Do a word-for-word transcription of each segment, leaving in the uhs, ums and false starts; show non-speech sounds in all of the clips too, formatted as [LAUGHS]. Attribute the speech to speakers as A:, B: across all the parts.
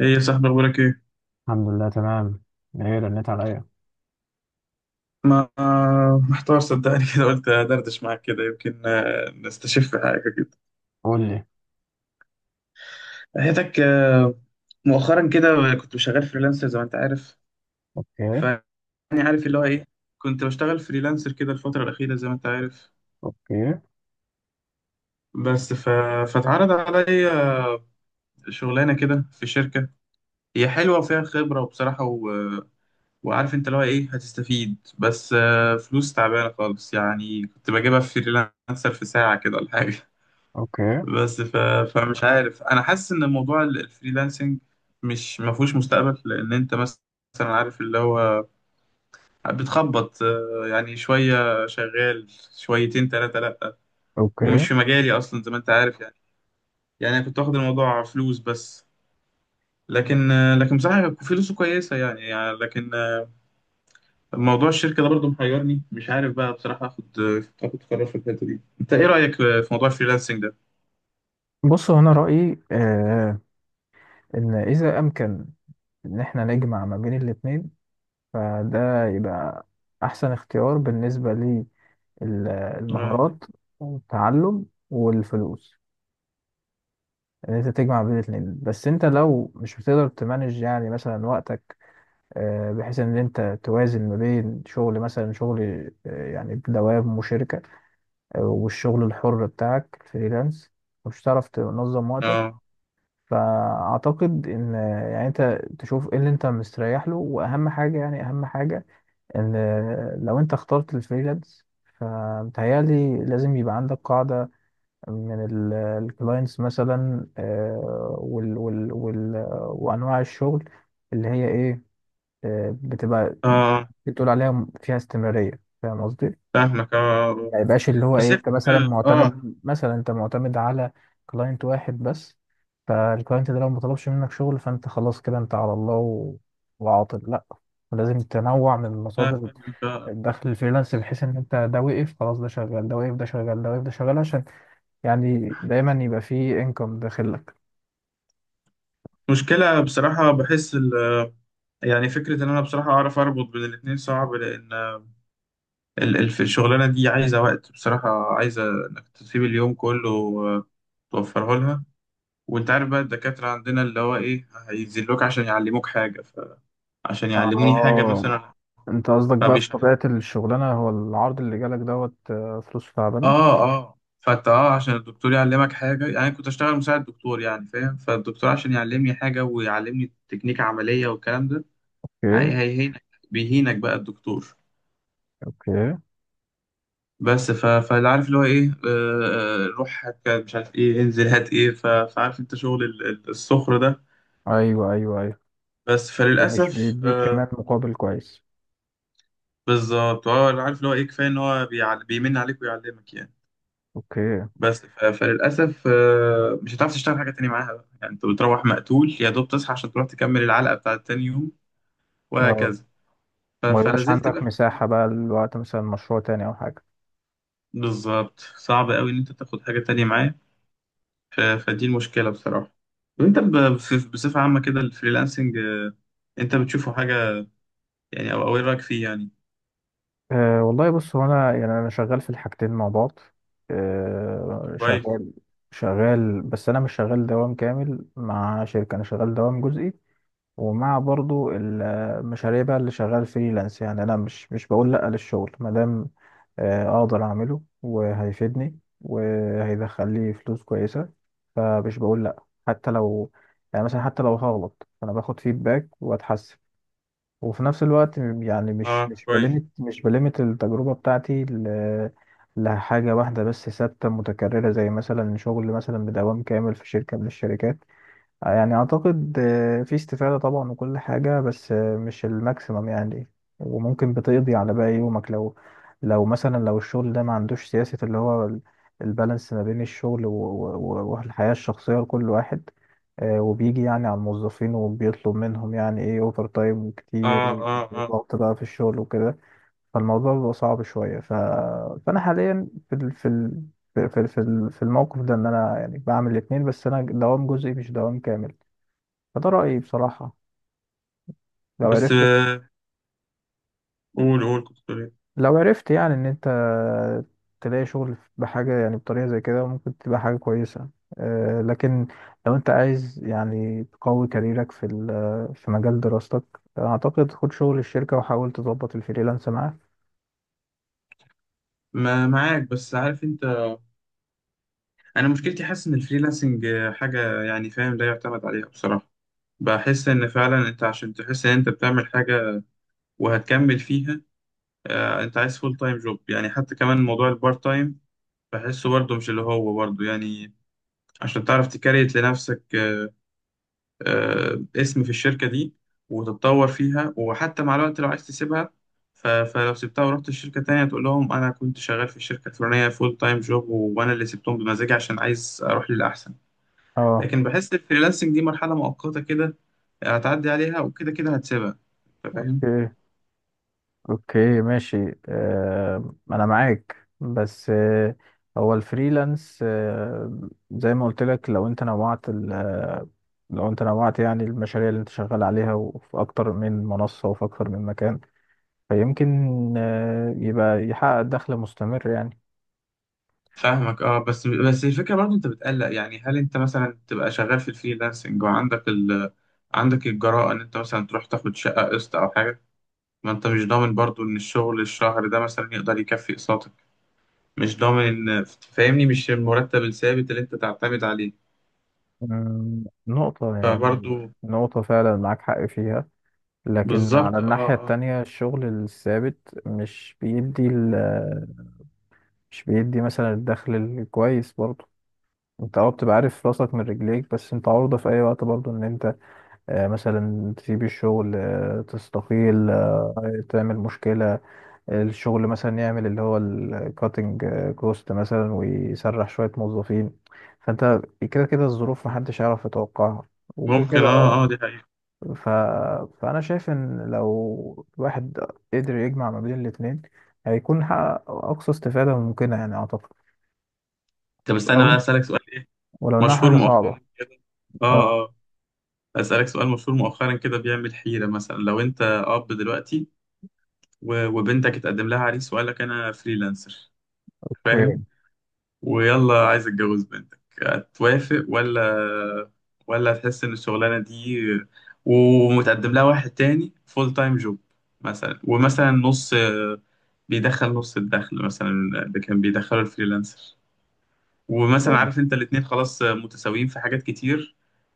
A: ايه يا صاحبي، اخبارك ايه؟
B: الحمد لله تمام. ايه رنيت عليا؟
A: ما، محتار صدقني كده، قلت ادردش معاك كده يمكن آه، نستشف حاجه كده.
B: قول لي.
A: حياتك آه، مؤخرا كده، كنت شغال فريلانسر زي ما انت عارف. ف
B: اوكي.
A: يعني عارف اللي هو ايه، كنت بشتغل فريلانسر كده الفتره الاخيره زي ما انت عارف.
B: اوكي.
A: بس ف... فاتعرض عليا شغلانه كده في شركه، هي حلوه وفيها خبره وبصراحه و... وعارف انت اللي هو ايه هتستفيد، بس آه، فلوس تعبانه خالص، يعني كنت بجيبها في فريلانسر في ساعه كده ولا حاجه.
B: اوكي.
A: بس ف... فمش عارف، انا حاسس ان موضوع ال- الفريلانسنج مش ما فيهوش مستقبل، لان انت مثلا عارف اللي هو بتخبط، آه، يعني شويه شغال شويتين ثلاثه لا.
B: اوكي.
A: ومش في مجالي اصلا زي ما انت عارف يعني، يعني انا كنت واخد الموضوع فلوس بس. لكن آه، لكن بصراحه فلوسه كويسه يعني, يعني لكن آه، موضوع الشركه ده برضه محيرني، مش عارف بقى بصراحه اخد آه، اخد قرار في الحته دي. انت ايه رايك في موضوع الفريلانسنج ده؟
B: بص، هو انا رايي آه ان اذا امكن ان احنا نجمع ما بين الاثنين، فده يبقى احسن اختيار بالنسبه
A: اه.
B: للمهارات والتعلم والفلوس، ان انت تجمع بين الاثنين. بس انت لو مش بتقدر تمانج، يعني مثلا وقتك آه بحيث ان انت توازن ما بين شغل، مثلا شغل آه يعني بدوام وشركه، والشغل الحر بتاعك فريلانس، مش هتعرف تنظم وقتك.
A: اه.
B: فأعتقد إن يعني أنت تشوف إيه اللي أنت مستريح له، وأهم حاجة يعني أهم حاجة إن لو أنت اخترت الفريلانس، فمتهيألي لازم يبقى عندك قاعدة من الكلاينتس مثلا، آه، وال وال وال وأنواع الشغل اللي هي إيه، آه، بتبقى
A: آه،
B: بتقول عليها فيها استمرارية. فاهم قصدي؟
A: فاهمك اه.
B: ما يبقاش اللي هو
A: بس
B: ايه
A: هي
B: انت مثلا
A: فكرة- اه.
B: معتمد، مثلا انت معتمد على كلاينت واحد بس. فالكلاينت ده لو ما طلبش منك شغل، فانت خلاص كده انت على الله و... وعاطل، لا. ولازم تنوع من
A: لا،
B: مصادر
A: فاهمك.
B: الدخل الفريلانس، بحيث ان انت ده وقف، خلاص ده شغال، ده وقف، ده شغال، ده وقف، ده شغال، عشان يعني دايما يبقى فيه انكم داخل لك.
A: مشكلة بصراحة، بحس ال يعني فكرة إن أنا بصراحة أعرف أربط بين الاتنين صعب، لأن ال- ال- في الشغلانة دي عايزة وقت بصراحة، عايزة إنك تسيب اليوم كله آه، توفره لها. وأنت عارف بقى الدكاترة عندنا اللي هو إيه هينزلوك عشان يعلموك حاجة ف... عشان يعلموني حاجة
B: اه،
A: مثلا.
B: انت قصدك بقى في
A: فبيشرح
B: طبيعة الشغلانة هو العرض اللي جالك دوت آه، فلوس تعبانة.
A: آه آه فأنت آه عشان الدكتور يعلمك حاجة، يعني كنت أشتغل مساعد دكتور يعني فاهم، فالدكتور عشان يعلمني حاجة ويعلمني تكنيك عملية والكلام ده.
B: اوكي.
A: هي هيهينك بيهينك بقى الدكتور.
B: اوكي.
A: بس ف... فاللي عارف اللي هو ايه آه... آه، روح هات كده، مش عارف ايه، انزل هات ايه ف... فعارف انت شغل ال- ال- السخر ده.
B: ايوه، ايوه.
A: بس
B: ومش
A: فللأسف
B: بيديك
A: آه...
B: كمان مقابل كويس.
A: بالظبط اه، اللي عارف اللي هو ايه كفاية ان هو بيعل... بيمن عليك ويعلمك يعني.
B: اوكي.
A: بس ف... فللأسف آه... مش هتعرف تشتغل حاجة تانية معاها بقى، يعني انت بتروح مقتول، يا دوب تصحى عشان تروح تكمل العلقة بتاعت تاني يوم
B: اه،
A: وهكذا. ف...
B: ما يبقاش
A: فلازلت
B: عندك
A: بقى
B: مساحة بقى لوقت مثلا مشروع تاني او حاجة.
A: بالظبط، صعب قوي ان انت تاخد حاجة تانية معاك. ف- فدي المشكلة بصراحة. وانت ب- بصف- بصفة عامة كده، الفريلانسنج آه، انت بتشوفه حاجة يعني، او او ايه رأيك فيه يعني؟
B: أه والله، بص هو انا يعني انا شغال في الحاجتين مع بعض.
A: طب
B: أه
A: كويس.
B: شغال. شغال بس انا مش شغال دوام كامل مع شركة، انا شغال دوام جزئي، ومع برضو المشاريع بقى اللي شغال فريلانس. يعني انا مش مش بقول لا للشغل ما دام آه، اقدر اعمله وهيفيدني وهيدخل لي فلوس كويسه. فمش بقول لا، حتى لو يعني مثلا حتى لو هغلط، فانا باخد فيدباك واتحسن. وفي نفس الوقت يعني
A: اه
B: مش مش
A: كويس.
B: بلمت مش بلمت التجربه بتاعتي ل- لحاجه واحده بس ثابته متكرره، زي مثلا شغل مثلا بدوام كامل في شركه من الشركات. يعني اعتقد آه، في استفادة طبعا وكل حاجة، بس آه، مش الماكسيمم يعني. وممكن بتقضي على باقي يومك، لو لو مثلا لو الشغل ده ما عندوش سياسة اللي هو ال- البالانس ما بين الشغل و- و- و- والحياة الشخصية لكل واحد. آه، وبيجي يعني على الموظفين، وبيطلب منهم يعني ايه اوفر تايم كتير
A: اه،
B: و-
A: اه، اه.
B: وضغط بقى في الشغل وكده. فالموضوع بيبقى صعب شوية، ف... فأنا حاليا في ال... في ال... في في في في الموقف ده، ان انا يعني بعمل الاثنين، بس انا دوام جزئي مش دوام كامل. فده رأيي بصراحة. لو
A: بس
B: عرفت،
A: آه، قول قول كنت بتقول ايه؟
B: لو عرفت يعني إن أنت تلاقي شغل بحاجة يعني بطريقة زي كده، ممكن تبقى حاجة كويسة. آه، لكن لو أنت عايز يعني تقوي كاريرك في ال- في مجال دراستك، أعتقد خد شغل الشركة وحاول تظبط الفريلانس معاه.
A: ما معاك، بس عارف انت، انا مشكلتي حاسس ان الفريلانسنج آه، حاجة يعني فاهم لا يعتمد عليها بصراحة. بحس ان فعلا انت عشان تحس ان انت بتعمل حاجة وهتكمل فيها، آه، انت عايز فول تايم جوب، يعني حتى كمان موضوع البارت تايم بحسه برضه مش اللي هو برضه يعني. عشان تعرف تكريت لنفسك آه، آه، اسم في الشركة دي وتتطور فيها، وحتى مع الوقت لو عايز تسيبها ف- فلو سبتها ورحت الشركة تانية تقول لهم أنا كنت شغال في الشركة الفلانية فول تايم جوب وأنا اللي سبتهم بمزاجي عشان عايز أروح للأحسن.
B: اه.
A: لكن بحس الفريلانسنج دي مرحلة مؤقتة كده، هتعدي عليها وكده كده هتسيبها. أنت فاهم؟
B: اوكي، ماشي. آه، انا معاك بس، آه، هو الفريلانس، آه، زي ما قلت لك، لو انت نوعت ال- آه، لو انت نوعت يعني المشاريع اللي انت شغال عليها، وفي اكتر من منصة وفي اكتر من مكان، فيمكن آه، يبقى يحقق دخل مستمر يعني.
A: فاهمك اه، بس بس الفكرة برضه أنت بتقلق يعني، هل أنت مثلا تبقى شغال في الفريلانسنج وعندك ال عندك الجراءة إن أنت مثلا تروح تاخد شقة قسط أو حاجة؟ ما انت مش ضامن برضو ان الشغل الشهر ده مثلا يقدر يكفي اقساطك، مش ضامن ان، فاهمني، مش المرتب الثابت اللي انت تعتمد عليه
B: أمم، نقطة يعني.
A: فبرضو.
B: نقطة فعلا معاك حق فيها. لكن على
A: بالظبط اه
B: الناحية
A: اه.
B: التانية الشغل الثابت مش بيدي ال- آه، مش بيدي مثلا الدخل الكويس برضه. انت اه بتبقى عارف راسك من رجليك، بس انت عرضة في اي وقت برضو ان انت، آه، مثلا تسيب الشغل، آه، تستقيل، آه، تعمل مشكلة. الشغل مثلا يعمل اللي هو الكاتنج كوست مثلا ويسرح شوية موظفين. فانت كده كده الظروف محدش يعرف يتوقعها، وكده
A: ممكن
B: كده اه.
A: اه اه، دي حقيقة.
B: ف... فانا شايف ان لو الواحد قدر يجمع ما بين الاتنين، هيكون حقق اقصى استفادة ممكنة يعني اعتقد.
A: طب استنى
B: لو
A: بقى، اسألك سؤال ايه
B: ولو انها
A: مشهور
B: حاجة صعبة.
A: مؤخرا كده.
B: اه.
A: اه اه. اسألك سؤال مشهور مؤخرا كده بيعمل حيرة. مثلا لو انت اب دلوقتي و- وبنتك اتقدم لها عريس وقال لك انا فريلانسر فاهم،
B: اوكي.
A: ويلا عايز اتجوز بنتك، هتوافق ولا؟ ولا هتحس ان الشغلانه دي ومتقدم لها واحد تاني فول تايم جوب مثلا، ومثلا نص، بيدخل نص الدخل مثلا اللي كان بيدخله الفريلانسر، ومثلا عارف انت الاتنين خلاص متساويين في حاجات كتير،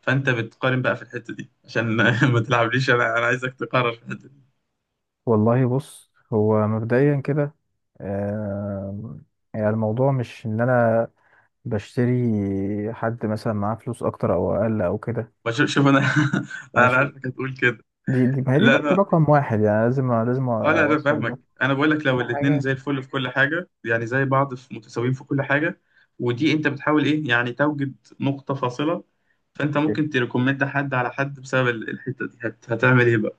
A: فانت بتقارن بقى في الحته دي عشان [LAUGHS] ما تلعبليش، انا انا عايزك تقرر في الحته دي.
B: والله، بص هو مبدئيا كده. آم، يعني الموضوع مش ان انا بشتري حد مثلا معاه فلوس اكتر او اقل او كده.
A: بشوف- شوف انا، [LAUGHS] انا
B: ماشي.
A: عارفك هتقول كده.
B: دي دي ما هي دي نقطة
A: لا.
B: رقم واحد، يعني لازم لازم
A: اه لا انا
B: اوصل ده.
A: فاهمك، انا بقول لك لو
B: تاني
A: الاتنين
B: حاجة.
A: زي الفل في كل حاجه، يعني زي بعض في متساويين في كل حاجه، ودي انت بتحاول ايه يعني توجد نقطه فاصله، فانت ممكن تريكومند حد على حد بسبب ال- الحته دي هت... هتعمل ايه بقى؟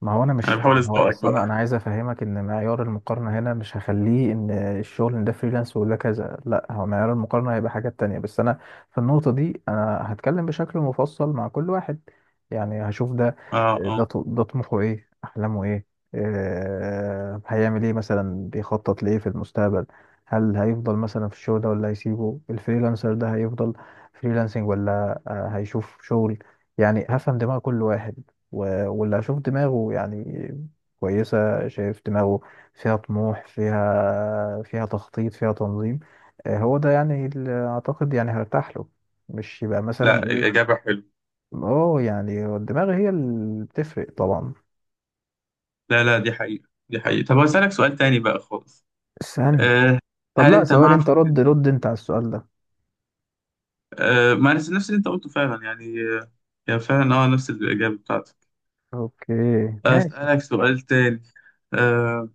B: ما هو انا
A: انا
B: مش
A: بحاول
B: ما هو
A: ازنقك
B: اصلا انا
A: بقى.
B: عايز افهمك ان معيار المقارنه هنا مش هخليه ان الشغل إن ده فريلانس ولا كذا، لا هو معيار المقارنه هيبقى حاجات تانية. بس انا في النقطه دي انا هتكلم بشكل مفصل مع كل واحد. يعني هشوف ده
A: اه اه.
B: ده ط- ده طموحه ايه، احلامه ايه، آه، هيعمل ايه مثلا، بيخطط لايه في المستقبل، هل هيفضل مثلا في الشغل ده ولا هيسيبه، الفريلانسر ده هيفضل فريلانسنج ولا آه، هيشوف شغل. يعني هفهم دماغ كل واحد، و- واللي هشوف دماغه يعني كويسة، شايف دماغه فيها طموح، فيها فيها تخطيط، فيها تنظيم. آه، هو ده يعني اللي أعتقد يعني هرتاح له، مش يبقى مثلا
A: لا
B: إيه.
A: الاجابه حلوه.
B: اه يعني هو الدماغ هي اللي بتفرق طبعا.
A: لا لا دي حقيقه، دي حقيقه. طب هسألك سؤال تاني بقى خالص.
B: استني.
A: أه.
B: طب،
A: هل
B: لا
A: انت
B: سؤال،
A: مع
B: انت رد
A: فكره
B: رد انت على السؤال ده.
A: أه؟ ما نفس نفس اللي انت قلته فعلا، يعني آه، يعني فعلا اه نفس الاجابه بتاعتك.
B: اوكي. ماشي.
A: اسالك سؤال تاني. أه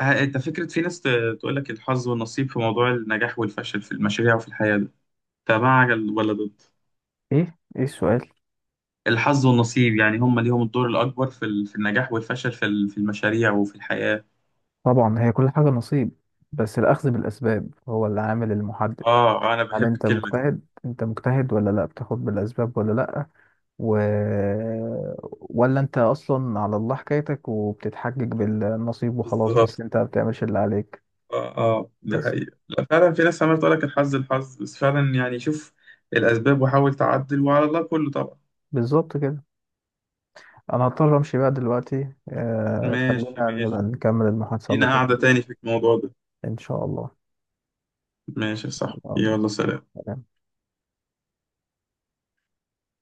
A: ه- انت فكرة في ناس ت- تقول لك الحظ والنصيب في موضوع النجاح والفشل في المشاريع وفي الحياة ده، انت مع ال- ولا ضد؟
B: ايه ايه السؤال؟
A: الحظ والنصيب يعني هم ليهم الدور الأكبر في ال- في النجاح والفشل في ال- في المشاريع وفي الحياة.
B: طبعا هي كل حاجة نصيب، بس الأخذ بالأسباب هو العامل المحدد.
A: اه آه، انا
B: هل
A: بحب
B: انت
A: الكلمة دي.
B: مجتهد؟ انت مجتهد ولا لا؟ بتاخد بالأسباب ولا لا؟ و... ولا انت اصلا على الله حكايتك، وبتتحجج بالنصيب وخلاص، بس
A: بالظبط
B: انت ما بتعملش اللي عليك.
A: اه اه، دي
B: بس.
A: حقيقة. لا فعلا في ناس عمالة تقول لك الحظ الحظ، بس فعلا يعني شوف الأسباب وحاول تعدل، وعلى الله كله طبعا.
B: بالظبط كده. انا هضطر امشي بقى دلوقتي، آه خلينا
A: ماشي ماشي،
B: نبقى نكمل المحادثة
A: لينا
B: اللطيفة
A: قاعدة
B: دي.
A: تاني في الموضوع ده.
B: ان شاء الله.
A: ماشي صح، يلا سلام.
B: الله.